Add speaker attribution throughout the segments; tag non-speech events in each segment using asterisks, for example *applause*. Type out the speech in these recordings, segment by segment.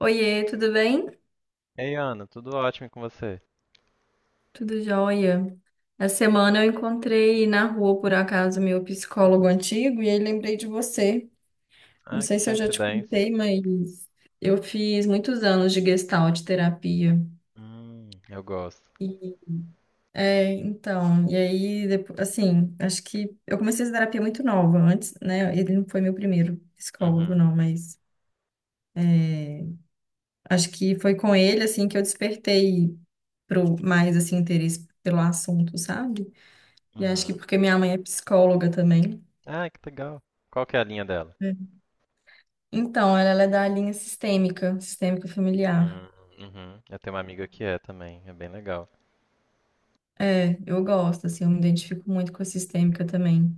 Speaker 1: Oiê, tudo bem?
Speaker 2: Ei, Ana, tudo ótimo e com você?
Speaker 1: Tudo jóia. Essa semana eu encontrei na rua, por acaso, meu psicólogo antigo e aí lembrei de você. Não
Speaker 2: Ah,
Speaker 1: sei
Speaker 2: que
Speaker 1: se eu já te
Speaker 2: coincidência.
Speaker 1: contei, mas eu fiz muitos anos de gestalt terapia.
Speaker 2: Eu gosto.
Speaker 1: E, e aí, depois, assim, acho que eu comecei essa terapia muito nova antes, né? Ele não foi meu primeiro psicólogo,
Speaker 2: Uhum,
Speaker 1: não, mas acho que foi com ele, assim, que eu despertei mais, assim, interesse pelo assunto, sabe? E acho que
Speaker 2: uhum.
Speaker 1: porque minha mãe é psicóloga também.
Speaker 2: Ah, que legal. Qual que é a linha dela?
Speaker 1: É. Então, ela é da linha sistêmica, sistêmica familiar.
Speaker 2: Hum, uhum. Eu tenho uma amiga que é também, é bem legal.
Speaker 1: É, eu gosto, assim, eu me identifico muito com a sistêmica também.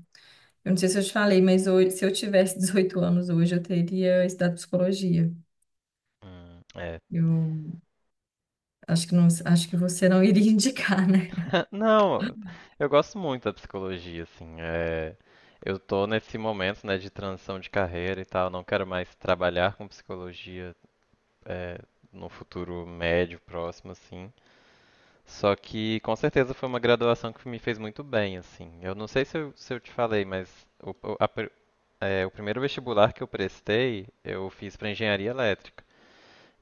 Speaker 1: Eu não sei se eu te falei, mas hoje, se eu tivesse *laughs* 18 anos hoje, eu teria estudado psicologia.
Speaker 2: É.
Speaker 1: Eu acho que não, acho que você não iria *laughs* indicar, né?
Speaker 2: Ah, Não, eu gosto muito da psicologia, assim. Eu tô nesse momento, né, de transição de carreira e tal. Não quero mais trabalhar com psicologia, é, no futuro médio, próximo, assim. Só que com certeza foi uma graduação que me fez muito bem, assim. Eu não sei se eu te falei, mas o primeiro vestibular que eu prestei, eu fiz para engenharia elétrica.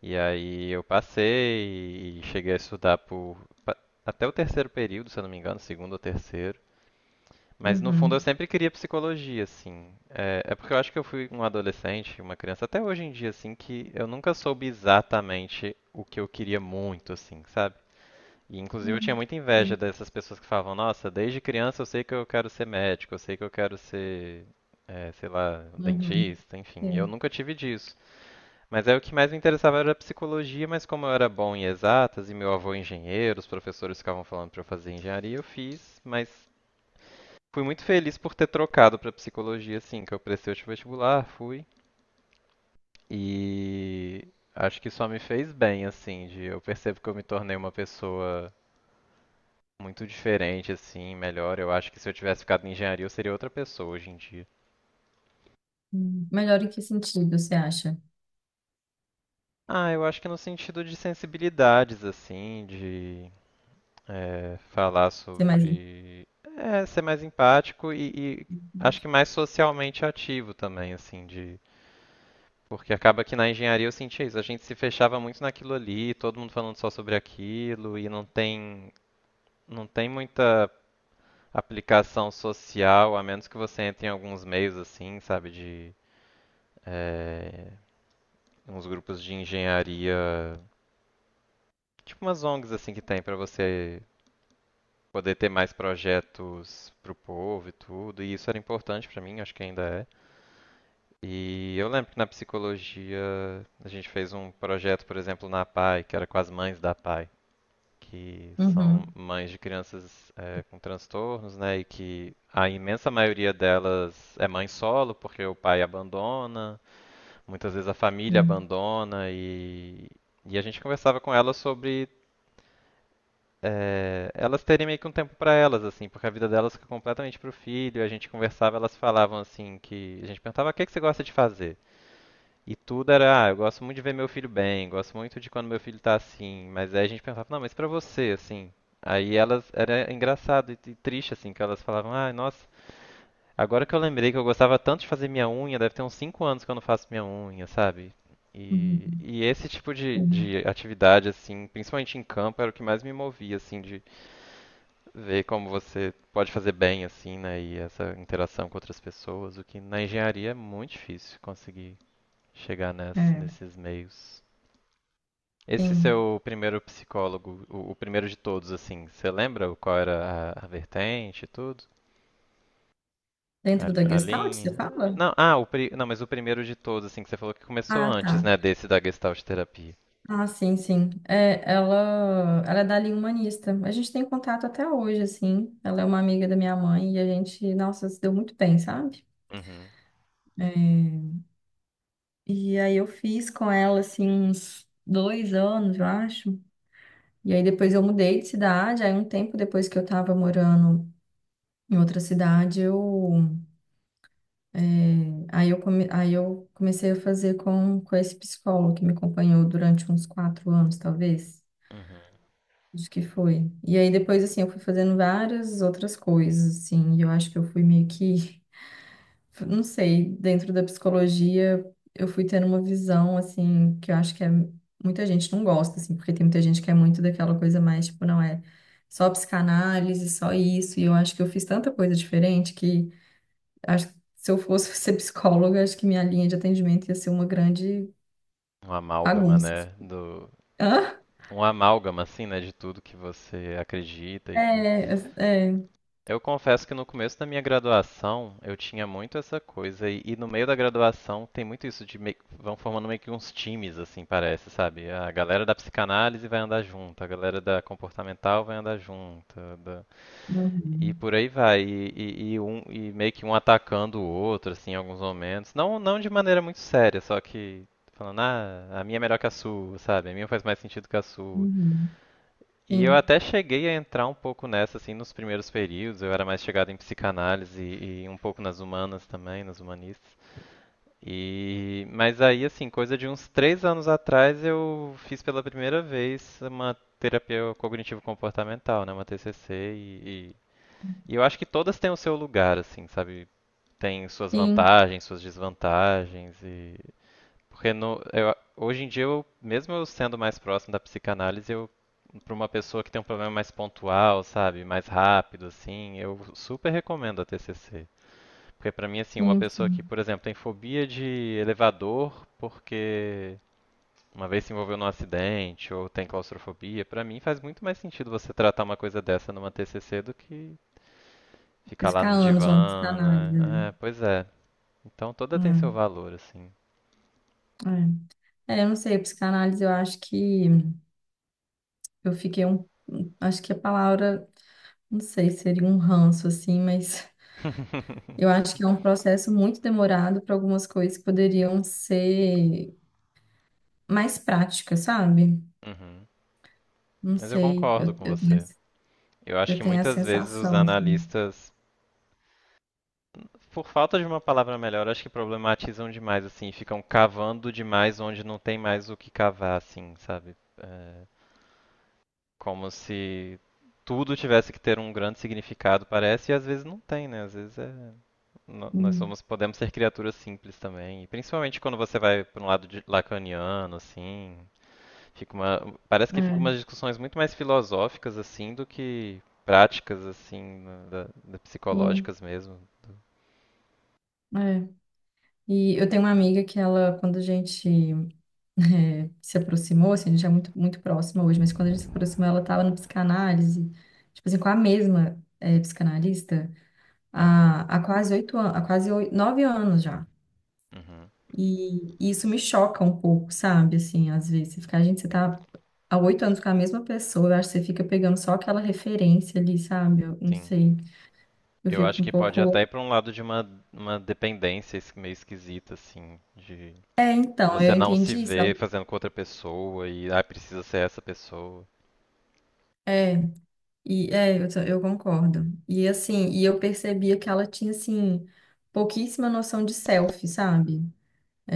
Speaker 2: E aí eu passei e cheguei a estudar por pa- até o terceiro período, se eu não me engano, segundo ou terceiro. Mas no fundo eu
Speaker 1: Uhum.
Speaker 2: sempre queria psicologia, assim. É porque eu acho que eu fui um adolescente, uma criança, até hoje em dia, assim, que eu nunca soube exatamente o que eu queria muito, assim, sabe? E, inclusive, eu tinha
Speaker 1: Uhum.
Speaker 2: muita inveja
Speaker 1: Sim.
Speaker 2: dessas pessoas que falavam: Nossa, desde criança eu sei que eu quero ser médico, eu sei que eu quero ser, sei lá,
Speaker 1: Uhum.
Speaker 2: dentista, enfim. Eu
Speaker 1: Sim.
Speaker 2: nunca tive disso. Mas aí o que mais me interessava era a psicologia, mas como eu era bom em exatas e meu avô é engenheiro, os professores ficavam falando para eu fazer engenharia, eu fiz, mas fui muito feliz por ter trocado para psicologia, assim, que eu prestei o vestibular, fui. E acho que só me fez bem, assim, de eu percebo que eu me tornei uma pessoa muito diferente, assim, melhor. Eu acho que se eu tivesse ficado em engenharia, eu seria outra pessoa hoje em dia.
Speaker 1: Hum. Melhor em que sentido você acha?
Speaker 2: Ah, eu acho que no sentido de sensibilidades, assim, de falar
Speaker 1: Ser mais em-
Speaker 2: sobre. É, ser mais empático e acho que mais socialmente ativo também, assim, de. Porque acaba que na engenharia eu sentia isso, a gente se fechava muito naquilo ali, todo mundo falando só sobre aquilo, e não tem muita aplicação social, a menos que você entre em alguns meios assim, sabe, de é, uns grupos de engenharia, tipo umas ONGs assim que tem para você poder ter mais projetos pro povo e tudo, e isso era importante para mim, acho que ainda é. E eu lembro que na psicologia a gente fez um projeto, por exemplo, na PAI, que era com as mães da PAI, que são
Speaker 1: Uhum.
Speaker 2: mães de crianças com transtornos, né? E que a imensa maioria delas é mãe solo, porque o pai abandona, muitas vezes a família
Speaker 1: Uhum.
Speaker 2: abandona e a gente conversava com elas sobre elas terem meio que um tempo para elas, assim, porque a vida delas fica completamente pro filho. E a gente conversava, elas falavam assim que a gente perguntava o que que você gosta de fazer. E tudo era, ah, eu gosto muito de ver meu filho bem, gosto muito de quando meu filho tá assim. Mas aí a gente perguntava, não, mas pra você, assim. Aí elas, era engraçado e triste, assim, que elas falavam, ah, nossa, agora que eu lembrei que eu gostava tanto de fazer minha unha, deve ter uns 5 anos que eu não faço minha unha, sabe?
Speaker 1: Uhum.
Speaker 2: E esse tipo de,
Speaker 1: Sim.
Speaker 2: de atividade, assim, principalmente em campo, era o que mais me movia, assim, de ver como você pode fazer bem, assim, né? E essa interação com outras pessoas, o que na engenharia é muito difícil conseguir chegar
Speaker 1: É.
Speaker 2: nesses meios. Esse
Speaker 1: Sim.
Speaker 2: seu primeiro psicólogo, o primeiro de todos, assim, você lembra qual era a vertente e tudo?
Speaker 1: Dentro da
Speaker 2: A
Speaker 1: Gestalt, você
Speaker 2: linha.
Speaker 1: fala?
Speaker 2: Não, não, mas o primeiro de todos, assim, que você falou que começou
Speaker 1: Ah, tá.
Speaker 2: antes, né, desse da Gestalt terapia.
Speaker 1: Ah, sim, sim. É, ela é dali humanista. A gente tem contato até hoje, assim. Ela é uma amiga da minha mãe e a gente, nossa, se deu muito bem, sabe?
Speaker 2: Uhum,
Speaker 1: É, E aí eu fiz com ela, assim, uns 2 anos, eu acho. E aí depois eu mudei de cidade. Aí um tempo depois que eu tava morando em outra cidade, é, Aí eu comecei a fazer com esse psicólogo que me acompanhou durante uns 4 anos, talvez.
Speaker 2: uhum.
Speaker 1: Acho que foi. E aí depois, assim, eu fui fazendo várias outras coisas, assim, e eu acho que eu fui meio que, *laughs* não sei, dentro da psicologia, eu fui tendo uma visão, assim, que eu acho que é, muita gente não gosta, assim, porque tem muita gente que é muito daquela coisa mais, tipo, não é só psicanálise, só isso, e eu acho que eu fiz tanta coisa diferente que acho que se eu fosse *laughs* ser psicóloga, acho que minha linha de atendimento ia ser uma grande
Speaker 2: Um amálgama,
Speaker 1: bagunça.
Speaker 2: né, do
Speaker 1: *laughs* Hã?
Speaker 2: um amálgama assim, né, de tudo que você acredita e que
Speaker 1: É, é.
Speaker 2: eu confesso que no começo da minha graduação, eu tinha muito essa coisa e no meio da graduação tem muito isso de meio, vão formando meio que uns times assim, parece, sabe? A galera da psicanálise vai andar junto, a galera da comportamental vai andar junto, da e
Speaker 1: Uhum.
Speaker 2: por aí vai, e meio que um atacando o outro, assim, em alguns momentos. Não de maneira muito séria, só que falando, ah, a minha é melhor que a sua, sabe? A minha faz mais sentido que a sua.
Speaker 1: Uhum.
Speaker 2: E eu
Speaker 1: Sim.
Speaker 2: até cheguei a entrar um pouco nessa, assim, nos primeiros períodos. Eu era mais chegado em psicanálise e um pouco nas humanas também, nas humanistas. E, mas aí, assim, coisa de uns 3 anos atrás, eu fiz pela primeira vez uma terapia cognitivo-comportamental, né, uma TCC, e eu acho que todas têm o seu lugar, assim, sabe? Tem suas
Speaker 1: Sim.
Speaker 2: vantagens, suas desvantagens e porque no, hoje em dia eu, mesmo eu sendo mais próximo da psicanálise, eu para uma pessoa que tem um problema mais pontual, sabe, mais rápido assim, eu super recomendo a TCC. Porque pra mim assim, uma
Speaker 1: Sim,
Speaker 2: pessoa que,
Speaker 1: sim.
Speaker 2: por exemplo, tem fobia de elevador porque uma vez se envolveu num acidente ou tem claustrofobia, pra mim faz muito mais sentido você tratar uma coisa dessa numa TCC do que ficar
Speaker 1: Vocês
Speaker 2: lá
Speaker 1: Ficar
Speaker 2: no
Speaker 1: anos vamos
Speaker 2: divã,
Speaker 1: psicanálise. Né?
Speaker 2: né? É, pois é. Então toda tem seu
Speaker 1: Hum,
Speaker 2: valor, assim.
Speaker 1: é. É, eu não sei, psicanálise eu acho que eu fiquei um. Um, acho que a palavra, não sei, seria um ranço, assim, mas eu acho que é um processo muito demorado para algumas coisas que poderiam ser mais práticas, sabe?
Speaker 2: Uhum.
Speaker 1: Não
Speaker 2: Mas eu
Speaker 1: sei,
Speaker 2: concordo com
Speaker 1: eu tenho,
Speaker 2: você.
Speaker 1: essa-
Speaker 2: Eu acho
Speaker 1: eu
Speaker 2: que
Speaker 1: tenho a
Speaker 2: muitas vezes os
Speaker 1: sensação, assim.
Speaker 2: analistas, por falta de uma palavra melhor, acho que problematizam demais, assim, ficam cavando demais onde não tem mais o que cavar, assim, sabe? É, como se tudo tivesse que ter um grande significado, parece, e às vezes não tem, né? Às vezes é no- nós
Speaker 1: Hum,
Speaker 2: somos, podemos ser criaturas simples também. E principalmente quando você vai para um lado lacaniano, assim, fica uma, parece que fica
Speaker 1: é,
Speaker 2: umas discussões muito mais filosóficas assim do que práticas assim, da
Speaker 1: sim,
Speaker 2: psicológicas mesmo.
Speaker 1: é. E eu tenho uma amiga que ela, quando a gente se aproximou, assim, a gente é muito próxima hoje, mas quando a gente se aproximou, ela estava na psicanálise, tipo assim, com a mesma psicanalista
Speaker 2: Uhum,
Speaker 1: há quase 8 anos, 9 anos já.
Speaker 2: uhum,
Speaker 1: E isso me choca um pouco, sabe? Assim, às vezes, você fica, gente, você tá há 8 anos com a mesma pessoa, eu acho que você fica pegando só aquela referência ali, sabe? Eu não
Speaker 2: sim.
Speaker 1: sei, eu
Speaker 2: Eu
Speaker 1: fico
Speaker 2: acho
Speaker 1: um
Speaker 2: que pode
Speaker 1: pouco.
Speaker 2: até ir para um lado de uma dependência meio esquisita, assim, de
Speaker 1: É, então, eu
Speaker 2: você não se
Speaker 1: entendi isso.
Speaker 2: ver fazendo com outra pessoa e, ah, precisa ser essa pessoa.
Speaker 1: É. E é, eu concordo. E assim, e eu percebia que ela tinha assim pouquíssima noção de selfie, sabe? É,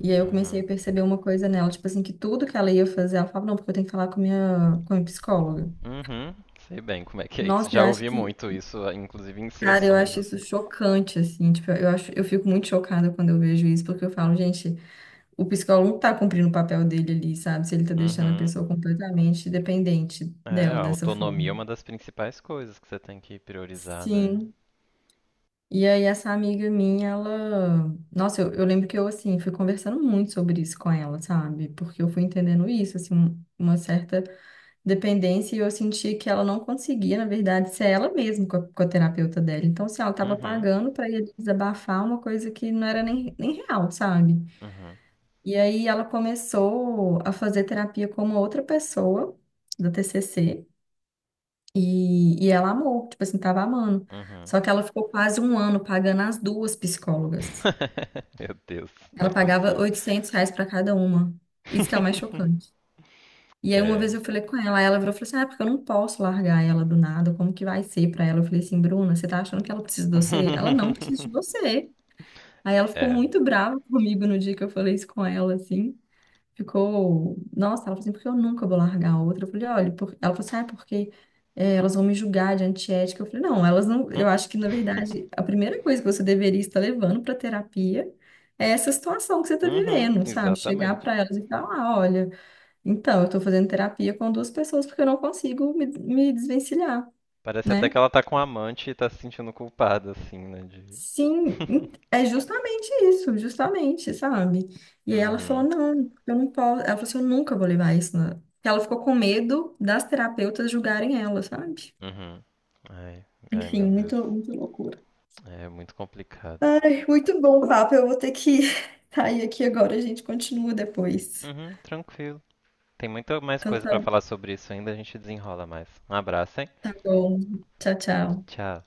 Speaker 1: e aí eu comecei
Speaker 2: Uhum.
Speaker 1: a perceber uma coisa nela, tipo assim, que tudo que ela ia fazer, ela falava, não, porque eu tenho que falar com com a minha psicóloga.
Speaker 2: Uhum. Sei bem como é que é isso.
Speaker 1: Nossa, eu
Speaker 2: Já
Speaker 1: acho
Speaker 2: ouvi
Speaker 1: que,
Speaker 2: muito isso, inclusive em
Speaker 1: cara, eu
Speaker 2: sessões,
Speaker 1: acho
Speaker 2: assim.
Speaker 1: isso chocante, assim, tipo, eu acho, eu fico muito chocada quando eu vejo isso, porque eu falo, gente, o psicólogo não tá cumprindo o papel dele ali, sabe? Se ele tá deixando a
Speaker 2: Uhum.
Speaker 1: pessoa completamente dependente
Speaker 2: É,
Speaker 1: dela
Speaker 2: a
Speaker 1: dessa forma.
Speaker 2: autonomia é uma das principais coisas que você tem que priorizar, né?
Speaker 1: Sim. E aí, essa amiga minha, ela. Nossa, eu lembro que eu, assim, fui conversando muito sobre isso com ela, sabe? Porque eu fui entendendo isso, assim, uma certa dependência, e eu senti que ela não conseguia, na verdade, ser ela mesma com com a terapeuta dela. Então, assim, ela tava
Speaker 2: Uhum,
Speaker 1: pagando pra ir desabafar uma coisa que não era nem real, sabe?
Speaker 2: uhum,
Speaker 1: E aí, ela começou a fazer terapia com uma outra pessoa da TCC. E ela amou, tipo assim, tava amando.
Speaker 2: uhum.
Speaker 1: Só que ela ficou quase 1 ano pagando as duas psicólogas.
Speaker 2: *laughs* Meu Deus, não é
Speaker 1: Ela pagava
Speaker 2: possível.
Speaker 1: R$ 800 para cada uma. Isso que é o mais
Speaker 2: *laughs*
Speaker 1: chocante. E aí uma vez
Speaker 2: É.
Speaker 1: eu falei com ela, aí ela virou e falou assim, ah, é porque eu não posso largar ela do nada, como que vai ser para ela? Eu falei assim, Bruna, você tá achando que ela precisa de você? Ela não precisa de
Speaker 2: *laughs*
Speaker 1: você. Aí ela ficou
Speaker 2: É.
Speaker 1: muito brava *laughs* comigo no dia que eu falei isso com ela, assim ficou, nossa, ela falou assim, porque eu nunca vou largar a outra. Eu falei, olha, por... ela falou assim, ah, é porque elas vão me julgar de antiética. Eu falei, não, elas não,
Speaker 2: Hum.
Speaker 1: eu acho que, na
Speaker 2: *laughs*
Speaker 1: verdade, a primeira coisa que você deveria estar levando para terapia é essa situação que você está
Speaker 2: Uhum,
Speaker 1: vivendo, sabe? Chegar
Speaker 2: exatamente.
Speaker 1: para elas e falar, ah, olha, então, eu estou fazendo terapia com duas pessoas porque eu não consigo me desvencilhar,
Speaker 2: Parece até
Speaker 1: né?
Speaker 2: que ela tá com um amante e tá se sentindo culpada, assim, né? De
Speaker 1: Sim,
Speaker 2: *laughs*
Speaker 1: é justamente isso, justamente, sabe? E aí ela falou,
Speaker 2: uhum,
Speaker 1: não, eu não posso. Ela falou assim, eu nunca vou levar isso. na-". Porque Ela ficou com medo das terapeutas julgarem ela, sabe?
Speaker 2: uhum. Ai, ai,
Speaker 1: Enfim,
Speaker 2: meu Deus.
Speaker 1: muito loucura.
Speaker 2: É muito complicado.
Speaker 1: Ai, muito bom, o papo. Eu vou ter que *laughs* sair aqui agora, a gente continua depois.
Speaker 2: Uhum, tranquilo. Tem muita mais
Speaker 1: Então
Speaker 2: coisa pra
Speaker 1: tá,
Speaker 2: falar sobre isso ainda, a gente desenrola mais. Um abraço, hein?
Speaker 1: tá bom. Tchau, tchau.
Speaker 2: Tchau.